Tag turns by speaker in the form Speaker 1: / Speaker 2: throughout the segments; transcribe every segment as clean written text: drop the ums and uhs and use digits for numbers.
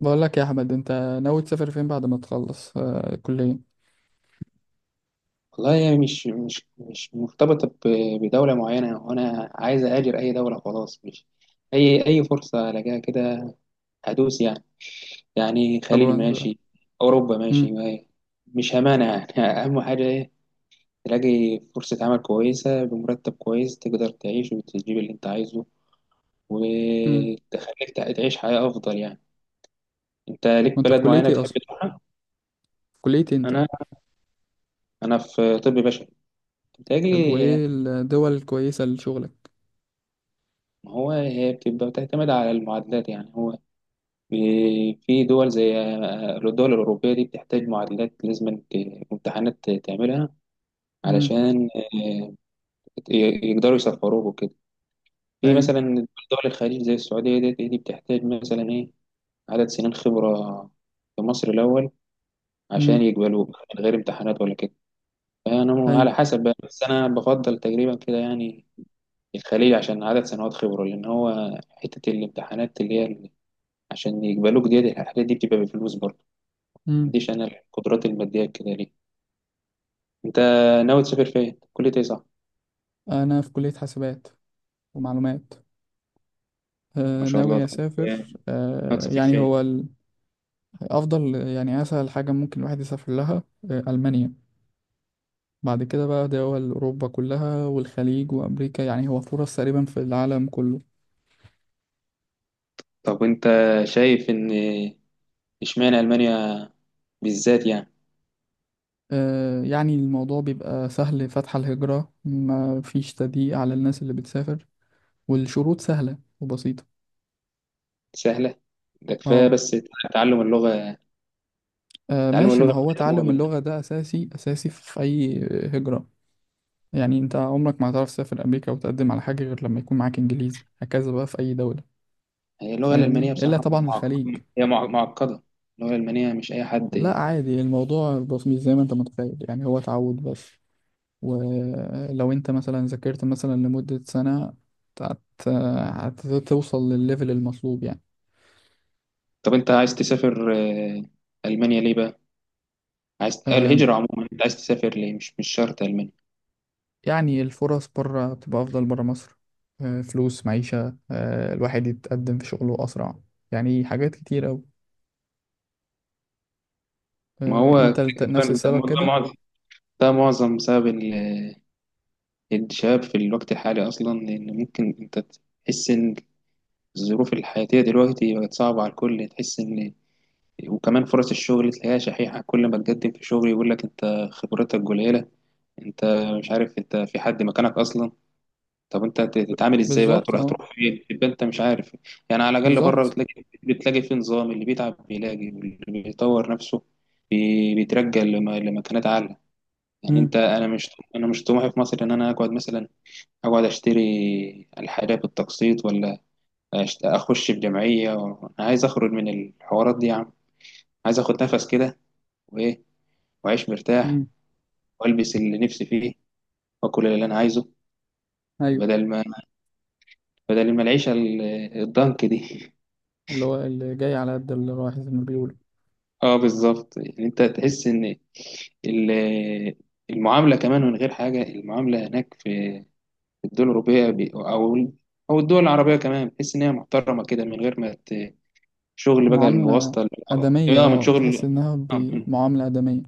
Speaker 1: بقول لك يا احمد، انت ناوي تسافر فين بعد ما تخلص كلية؟
Speaker 2: والله هي مش مرتبطة بدولة معينة، وأنا عايز أهاجر أي دولة. خلاص، مش أي فرصة ألاقيها كده هدوس يعني. يعني
Speaker 1: طب
Speaker 2: خليج
Speaker 1: وانت؟
Speaker 2: ماشي، أوروبا ماشي
Speaker 1: امم.
Speaker 2: مش همانة يعني. أهم حاجة إيه، تلاقي فرصة عمل كويسة بمرتب كويس، تقدر تعيش وتجيب اللي أنت عايزه
Speaker 1: امم.
Speaker 2: وتخليك تعيش حياة أفضل يعني. أنت ليك
Speaker 1: وانت في
Speaker 2: بلد
Speaker 1: كلية
Speaker 2: معينة
Speaker 1: ايه
Speaker 2: بتحب
Speaker 1: اصلا؟ في
Speaker 2: تروحها؟
Speaker 1: كلية إيه انت؟
Speaker 2: أنا أنا في طب بشري
Speaker 1: طب
Speaker 2: بتهيألي.
Speaker 1: وايه الدول الكويسة لشغلك؟
Speaker 2: ما هو هي بتبقى بتعتمد على المعادلات يعني. هو في في دول زي الدول الأوروبية دي بتحتاج معادلات، لازم امتحانات تعملها
Speaker 1: امم.
Speaker 2: علشان يقدروا يسفروك وكده. في
Speaker 1: ايوه.
Speaker 2: مثلا دول الخليج زي السعودية، دي بتحتاج مثلا إيه، عدد سنين خبرة في مصر الأول عشان
Speaker 1: امم.
Speaker 2: يقبلوك، من غير امتحانات ولا كده. فأنا
Speaker 1: ايوه.
Speaker 2: على حسب بقى. بس أنا بفضل تقريبا كده يعني الخليج، عشان عدد سنوات خبرة، لأن هو حتة الامتحانات اللي هي عشان يقبلوك دي، الحاجات دي بتبقى بفلوس برضه.
Speaker 1: امم.
Speaker 2: عنديش انا القدرات الماديه كده ليه. انت ناوي تسافر فين، كلية ايه، صح؟
Speaker 1: انا في كلية حاسبات ومعلومات.
Speaker 2: ما شاء الله.
Speaker 1: ناوي
Speaker 2: طب
Speaker 1: اسافر،
Speaker 2: ناوي تسافر
Speaker 1: يعني
Speaker 2: فين؟
Speaker 1: هو افضل، يعني اسهل حاجة ممكن الواحد يسافر لها المانيا. بعد كده بقى دول اوروبا كلها والخليج وامريكا، يعني هو فرص تقريبا في العالم كله.
Speaker 2: طب وانت شايف ان اشمعنى المانيا بالذات يعني؟
Speaker 1: يعني الموضوع بيبقى سهل، فتح الهجرة ما فيش تضييق على الناس اللي بتسافر، والشروط سهلة وبسيطة.
Speaker 2: سهله، ده كفايه
Speaker 1: اه.
Speaker 2: بس تعلم اللغه تعلم
Speaker 1: ماشي، ما
Speaker 2: اللغه
Speaker 1: هو تعلم
Speaker 2: مولد.
Speaker 1: اللغة ده أساسي أساسي في أي هجرة. يعني أنت عمرك ما هتعرف تسافر أمريكا وتقدم على حاجة غير لما يكون معاك إنجليزي، هكذا بقى في أي دولة،
Speaker 2: هي اللغه
Speaker 1: فاهمني،
Speaker 2: الالمانيه
Speaker 1: إلا
Speaker 2: بصراحه
Speaker 1: طبعا الخليج.
Speaker 2: هي معقده، اللغه الالمانيه مش اي
Speaker 1: لا
Speaker 2: حد.
Speaker 1: عادي، الموضوع بسيط زي ما أنت متخيل، يعني هو تعود بس. ولو انت مثلا ذاكرت مثلا لمدة سنة هت- هتوصل للليفل المطلوب يعني.
Speaker 2: طب انت عايز تسافر المانيا ليه بقى؟ عايز
Speaker 1: أم،
Speaker 2: الهجره عموما، انت عايز تسافر ليه؟ مش شرط المانيا.
Speaker 1: يعني الفرص بره بتبقى أفضل بره مصر، أه، فلوس معيشة، أه، الواحد يتقدم في شغله أسرع، يعني حاجات كتير أوي.
Speaker 2: ما
Speaker 1: أه،
Speaker 2: هو
Speaker 1: انت نفس
Speaker 2: تقريبا ده
Speaker 1: السبب
Speaker 2: موضوع
Speaker 1: كده؟
Speaker 2: معضل، ده معظم سبب الشباب في الوقت الحالي أصلا، لأن ممكن أنت تحس إن الظروف الحياتية دلوقتي بقت صعبة على الكل، تحس إن وكمان فرص الشغل تلاقيها شحيحة. كل ما تقدم في شغل يقول لك أنت خبرتك قليلة، أنت مش عارف أنت في حد مكانك أصلا. طب أنت تتعامل إزاي بقى؟
Speaker 1: بالظبط
Speaker 2: تروح
Speaker 1: اه.
Speaker 2: فين؟ تبقى أنت مش عارف. يعني على الأقل بره
Speaker 1: بالظبط.
Speaker 2: بتلاقي في نظام، اللي بيتعب بيلاقي، واللي بيطور نفسه بيترجى لمكانات أعلى. يعني
Speaker 1: مم.
Speaker 2: أنت أنا مش طموحي في مصر إن أنا أقعد مثلا اقعد اشتري الحاجة بالتقسيط، ولا اخش في جمعية انا عايز اخرج من الحوارات دي يا عم، عايز اخد نفس كده وايه، واعيش
Speaker 1: مم.
Speaker 2: مرتاح، والبس اللي نفسي فيه، واكل اللي انا عايزه،
Speaker 1: ايوه.
Speaker 2: بدل ما العيشة الضنك دي.
Speaker 1: اللي هو اللي جاي على قد اللي رايح زي ما بيقولوا.
Speaker 2: اه بالظبط. يعني انت تحس ان ال- المعاملة كمان، من غير حاجة، المعاملة هناك في الدول الأوروبية أو الدول العربية كمان، بتحس إن هي محترمة كده، من غير ما شغل بقى
Speaker 1: معاملة
Speaker 2: الواسطة. اللي هو
Speaker 1: آدمية،
Speaker 2: إيه، اه، من
Speaker 1: اه، تحس
Speaker 2: شغل،
Speaker 1: إنها
Speaker 2: من
Speaker 1: بمعاملة آدمية.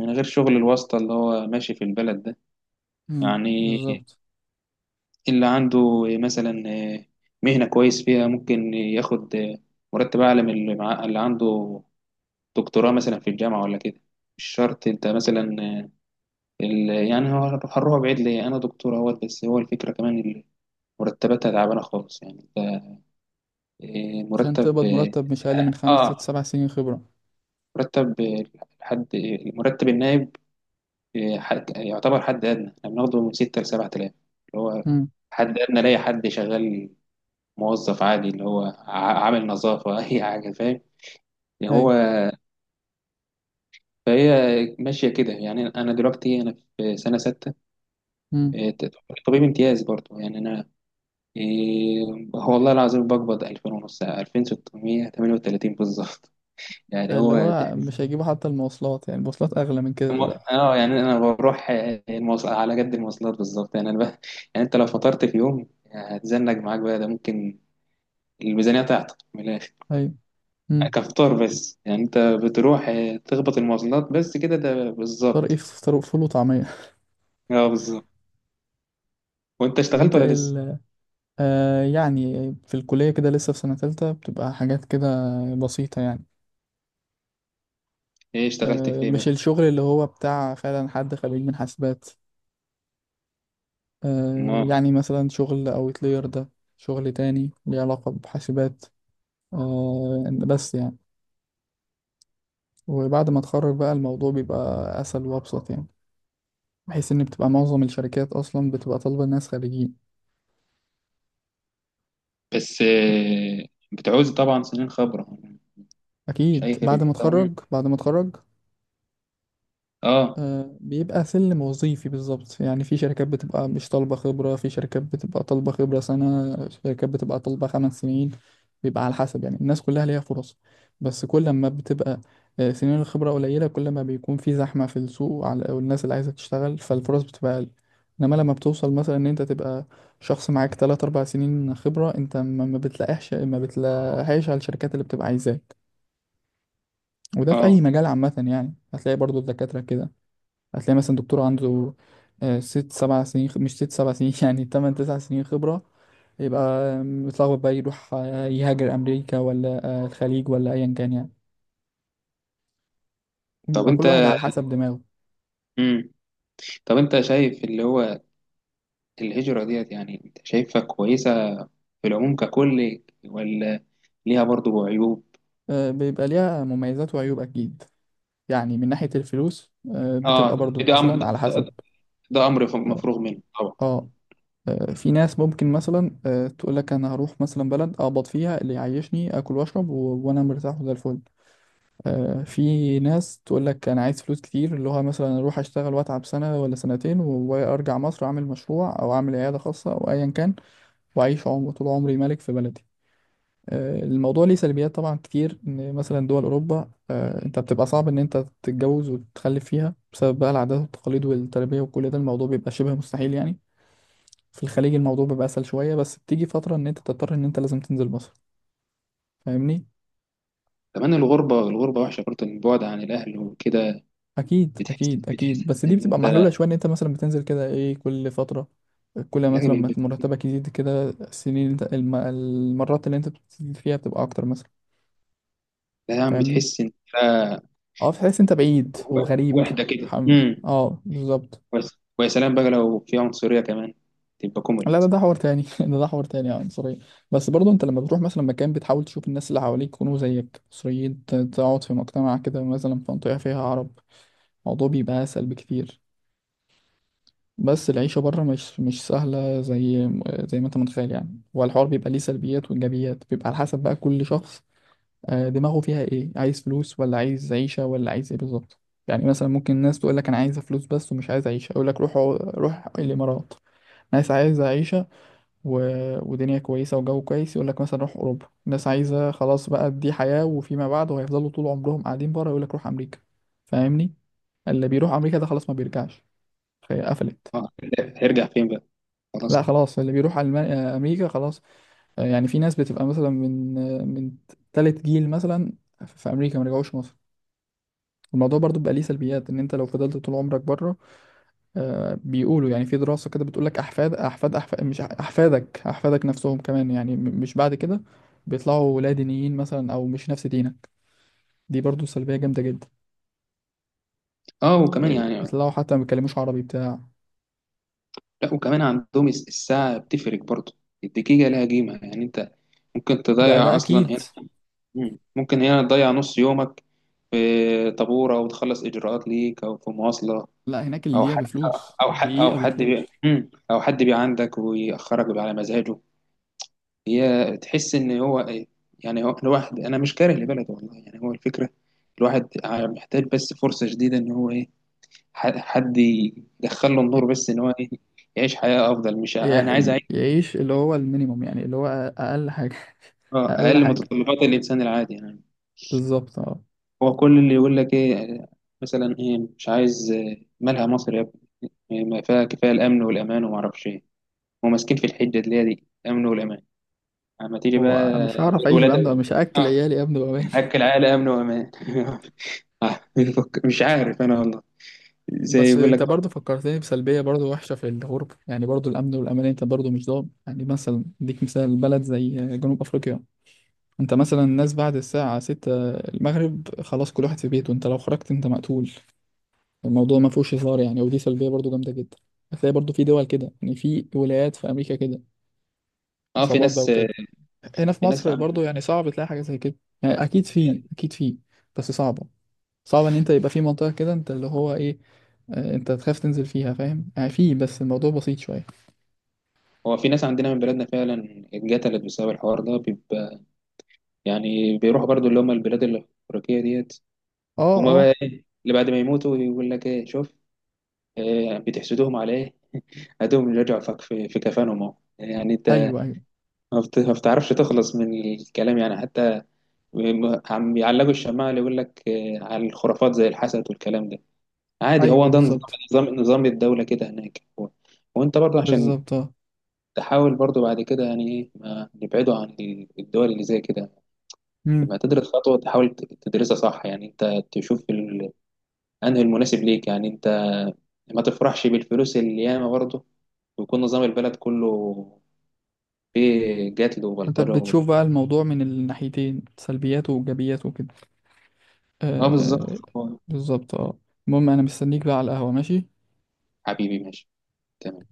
Speaker 2: من غير شغل الواسطة اللي هو ماشي في البلد ده.
Speaker 1: مم.
Speaker 2: يعني
Speaker 1: بالظبط.
Speaker 2: اللي عنده مثلا مهنة كويس فيها، ممكن ياخد مرتب أعلى من اللي اللي عنده دكتوراه مثلا في الجامعة ولا كده. مش شرط أنت مثلا يعني هو هروح بعيد ليه، أنا دكتور أهوت، بس هو الفكرة كمان مرتباتها تعبانة خالص يعني. أنت
Speaker 1: عشان
Speaker 2: مرتب
Speaker 1: تقبض
Speaker 2: اه،
Speaker 1: مرتب مش أقل من خمس
Speaker 2: آه،
Speaker 1: ست سبع سنين خبرة.
Speaker 2: مرتب حد، مرتب النائب إيه، حد يعتبر حد أدنى، احنا بناخده من ستة لسبعة آلاف، اللي هو
Speaker 1: امم.
Speaker 2: حد أدنى لاي حد شغال، موظف عادي، اللي هو عامل نظافة. أي حاجة فاهم يعني. هو
Speaker 1: أيوة.
Speaker 2: فهي ماشية كده. يعني أنا دلوقتي أنا في سنة ستة
Speaker 1: امم.
Speaker 2: إيه، طبيب امتياز برضه. يعني أنا إيه، هو والله العظيم بقبض 2000 ونص، 2638 بالظبط. يعني
Speaker 1: اللي
Speaker 2: هو
Speaker 1: هو مش هيجيبوا حتى المواصلات، يعني المواصلات أغلى من كده
Speaker 2: الم-
Speaker 1: دلوقتي.
Speaker 2: اه يعني انا بروح المواصل على قد المواصلات بالظبط. يعني انا ب... يعني انت لو فطرت في يوم هتزنق معاك بقى، ده ممكن الميزانيه تعطل من الاخر،
Speaker 1: أيوة. امم.
Speaker 2: كفطار بس. يعني انت بتروح تخبط المواصلات بس كده، ده
Speaker 1: فطار إيه،
Speaker 2: بالظبط.
Speaker 1: فطار فول وطعمية
Speaker 2: اه بالظبط. وانت
Speaker 1: طب
Speaker 2: اشتغلت
Speaker 1: أنت
Speaker 2: ولا
Speaker 1: إيه
Speaker 2: لسه؟
Speaker 1: آه، يعني في الكلية كده لسه في سنة تالتة بتبقى حاجات كده بسيطة يعني.
Speaker 2: ايه اشتغلت في
Speaker 1: آه،
Speaker 2: ايه؟
Speaker 1: مش الشغل اللي هو بتاع فعلا حد خريج من حاسبات. آه
Speaker 2: ما
Speaker 1: يعني مثلا شغل أوتلاير ده، شغل تاني ليه علاقة بحاسبات، آه بس يعني. وبعد ما اتخرج بقى الموضوع بيبقى اسهل وابسط يعني، بحيث ان بتبقى معظم الشركات اصلا بتبقى طالبه ناس خريجين.
Speaker 2: بس بتعوز طبعا سنين خبره، مش
Speaker 1: اكيد
Speaker 2: اي
Speaker 1: بعد ما
Speaker 2: خير طبعا.
Speaker 1: اتخرج، بعد ما اتخرج.
Speaker 2: اه،
Speaker 1: بيبقى سلم وظيفي بالظبط، يعني في شركات بتبقى مش طالبة خبرة، في شركات بتبقى طالبة خبرة سنة، شركات بتبقى طالبة خمس سنين. بيبقى على حسب، يعني الناس كلها ليها فرص. بس كل ما بتبقى سنين الخبرة قليلة، كل ما بيكون في زحمة في السوق على والناس اللي عايزة تشتغل، فالفرص بتبقى أقل. إنما لما بتوصل مثلا إن أنت تبقى شخص معاك 3 4 سنين خبرة، أنت ما بتلاقيش، ما بتلاقيش على الشركات اللي بتبقى عايزاك. وده في أي
Speaker 2: اه.
Speaker 1: مجال عامة، يعني هتلاقي برضو الدكاترة كده. هتلاقي مثلا دكتور عنده 6 7 سنين مش 6 7 سنين يعني 8 9 سنين خبرة، يبقى متلخبط بقى يروح يهاجر أمريكا ولا الخليج ولا أيا كان يعني.
Speaker 2: طب
Speaker 1: بيبقى كل واحد
Speaker 2: انت،
Speaker 1: على حسب دماغه.
Speaker 2: مم. طب انت شايف اللي هو الهجره ديت، يعني انت شايفها كويسه في العموم ككل، ولا ليها برضه عيوب؟
Speaker 1: بيبقى ليها مميزات وعيوب أكيد. يعني من ناحية الفلوس بتبقى
Speaker 2: اه
Speaker 1: برضو
Speaker 2: ده امر،
Speaker 1: مثلا على حسب.
Speaker 2: مفروغ منه طبعا.
Speaker 1: اه. في ناس ممكن مثلا تقول لك انا هروح مثلا بلد اقبض فيها اللي يعيشني، اكل واشرب وانا مرتاح وزي الفل. في ناس تقول لك انا عايز فلوس كتير، اللي هو مثلا اروح اشتغل واتعب سنه ولا سنتين وارجع مصر اعمل مشروع او اعمل عياده خاصه او ايا كان، واعيش عمر طول عمري ملك في بلدي. الموضوع ليه سلبيات طبعا كتير، ان مثلا دول اوروبا انت بتبقى صعب ان انت تتجوز وتخلف فيها بسبب بقى العادات والتقاليد والتربيه وكل ده، الموضوع بيبقى شبه مستحيل يعني. في الخليج الموضوع بيبقى اسهل شويه، بس بتيجي فتره ان انت تضطر ان انت لازم تنزل مصر، فاهمني؟
Speaker 2: كمان الغربه، وحشه برضه، البعد عن الاهل وكده.
Speaker 1: اكيد
Speaker 2: بتحس
Speaker 1: اكيد اكيد،
Speaker 2: بتحس
Speaker 1: بس دي
Speaker 2: ان
Speaker 1: بتبقى
Speaker 2: انت،
Speaker 1: محلوله شويه ان انت مثلا بتنزل كده ايه كل فتره. كل ما مثلا
Speaker 2: يعني
Speaker 1: ما مرتبك يزيد كده، السنين اللي انت المرات اللي انت بتزيد فيها بتبقى اكتر مثلا.
Speaker 2: يعني
Speaker 1: فاهمني؟
Speaker 2: بتحس ان انت
Speaker 1: اه، تحس انت بعيد وغريب.
Speaker 2: وحده كده،
Speaker 1: حم...
Speaker 2: امم.
Speaker 1: اه بالظبط.
Speaker 2: ويا سلام بقى لو في عنصريه كمان، تبقى
Speaker 1: لا ده
Speaker 2: كوملت.
Speaker 1: ده حوار تاني ده ده حوار تاني يعني، سوري. بس برضه انت لما بتروح مثلا مكان بتحاول تشوف الناس اللي حواليك يكونوا زيك سوريين، تقعد في مجتمع كده مثلا في منطقه فيها عرب، الموضوع بيبقى اسهل بكتير. بس العيشة بره مش سهلة زي زي ما انت متخيل، يعني هو الحوار بيبقى ليه سلبيات وإيجابيات، بيبقى على حسب بقى كل شخص دماغه فيها ايه، عايز فلوس ولا عايز عيشة ولا عايز ايه بالظبط. يعني مثلا ممكن الناس تقول لك انا عايزة فلوس بس ومش عايز عيشة، اقول لك روح روح الامارات. ناس عايزة عيشة و... ودنيا كويسة وجو كويس يقول لك مثلا روح اوروبا. ناس عايزة خلاص بقى دي حياة وفيما بعد وهيفضلوا طول عمرهم قاعدين بره يقول لك روح امريكا. فاهمني؟ اللي بيروح امريكا ده خلاص ما بيرجعش، فهي قفلت.
Speaker 2: اه، هيرجع فين بقى؟ خلاص
Speaker 1: لا
Speaker 2: كده.
Speaker 1: خلاص، اللي بيروح على امريكا خلاص. يعني في ناس بتبقى مثلا من من تالت جيل مثلا في امريكا ما رجعوش مصر. الموضوع برضو بقى ليه سلبيات ان انت لو فضلت طول عمرك بره بيقولوا يعني في دراسة كده بتقول لك احفاد احفاد احفاد مش احفادك احفادك نفسهم كمان يعني مش بعد كده بيطلعوا لا دينيين مثلا او مش نفس دينك، دي برضو سلبية جامدة جدا.
Speaker 2: اه وكمان يعني،
Speaker 1: يطلعوا حتى ما بيتكلموش عربي بتاع.
Speaker 2: لا وكمان عندهم الساعه بتفرق برضه، الدقيقه لها قيمه. يعني انت ممكن
Speaker 1: ده
Speaker 2: تضيع اصلا.
Speaker 1: اكيد.
Speaker 2: مم. ممكن هنا تضيع نص يومك في طابور، او تخلص اجراءات ليك، او في مواصله،
Speaker 1: لا هناك
Speaker 2: او
Speaker 1: الدقيقة
Speaker 2: حد،
Speaker 1: بفلوس، دقيقة بفلوس.
Speaker 2: مم. او حد بي عندك ويأخرك بقى على مزاجه. هي تحس ان هو إيه، يعني هو الواحد انا مش كاره لبلده والله، يعني هو الفكره، الواحد محتاج بس فرصه جديده، ان هو ايه، حد يدخل له النور، بس ان هو ايه، يعيش حياه افضل، مش انا عايز اعيش.
Speaker 1: يعيش اللي هو المينيموم، يعني اللي هو اقل حاجه
Speaker 2: اه،
Speaker 1: اقل
Speaker 2: اقل
Speaker 1: حاجه.
Speaker 2: متطلبات الانسان العادي يعني.
Speaker 1: بالظبط اه.
Speaker 2: هو كل اللي يقول لك ايه، مثلا ايه مش عايز، مالها مصر يا ابني، إيه، ما فيها كفايه الامن والامان وما اعرفش ايه. هم ماسكين في الحجه اللي هي دي، امن والامان. اما تيجي
Speaker 1: هو
Speaker 2: بقى
Speaker 1: مش هعرف اعيش
Speaker 2: الولاد،
Speaker 1: بأمن، مش هاكل
Speaker 2: اه،
Speaker 1: عيالي يا ابني بامان
Speaker 2: اكل عائله، امن وامان. بيفك-، مش عارف انا والله، زي
Speaker 1: بس
Speaker 2: يقول لك
Speaker 1: انت برضو
Speaker 2: برضه.
Speaker 1: فكرتني بسلبيه برضو وحشه في الغربه، يعني برضو الامن والامان انت برضو مش ضامن، يعني مثلا اديك مثال بلد زي جنوب افريقيا. انت مثلا الناس بعد الساعه 6 المغرب خلاص، كل واحد في بيته، انت لو خرجت انت مقتول. الموضوع ما فيهوش هزار يعني، ودي سلبيه برضو جامده جدا. هتلاقي برضو في دول كده، يعني في ولايات في امريكا كده
Speaker 2: اه،
Speaker 1: عصابات بقى وكده. هنا في
Speaker 2: في ناس
Speaker 1: مصر
Speaker 2: عن-
Speaker 1: برضو يعني صعب تلاقي حاجة زي كده، يعني أكيد في، أكيد في، بس صعبة. صعب إن أنت يبقى في منطقة كده أنت اللي هو إيه أنت تخاف تنزل فيها، فاهم؟ يعني في، بس الموضوع بسيط شوية.
Speaker 2: هو في ناس عندنا من بلادنا فعلا اتقتلت بسبب الحوار ده بيبقى، يعني بيروحوا برضه اللي هم البلاد الافريقيه ديت.
Speaker 1: أه
Speaker 2: هما بقى
Speaker 1: أه.
Speaker 2: ايه اللي بعد ما يموتوا يقول لك ايه، شوف بتحسدوهم على ايه، اديهم رجعوا فك في كفانهم اهو. يعني انت
Speaker 1: أيوه أيوه.
Speaker 2: ما بتعرفش تخلص من الكلام يعني، حتى عم يعلقوا الشماعة اللي يقول لك على الخرافات زي الحسد والكلام ده، عادي. هو
Speaker 1: أيوه.
Speaker 2: ده نظام،
Speaker 1: بالظبط.
Speaker 2: نظام الدولة كده هناك. هو وانت برضه عشان
Speaker 1: بالظبط أه.
Speaker 2: تحاول برضه بعد كده، يعني ايه، ما نبعده عن الدول اللي زي كده.
Speaker 1: مم.
Speaker 2: لما تدرس خطوة تحاول تدرسها صح، يعني انت تشوف انهي المناسب ليك. يعني انت ما تفرحش بالفلوس اللي ياما برضه ويكون نظام البلد كله في جاتلو
Speaker 1: أنت
Speaker 2: وبلطرة
Speaker 1: بتشوف
Speaker 2: وال...
Speaker 1: بقى الموضوع من الناحيتين، سلبياته وإيجابياته وكده.
Speaker 2: اه بالظبط.
Speaker 1: آه
Speaker 2: هو
Speaker 1: بالظبط أه. المهم أنا مستنيك بقى على القهوة، ماشي؟
Speaker 2: حبيبي ماشي، تمام.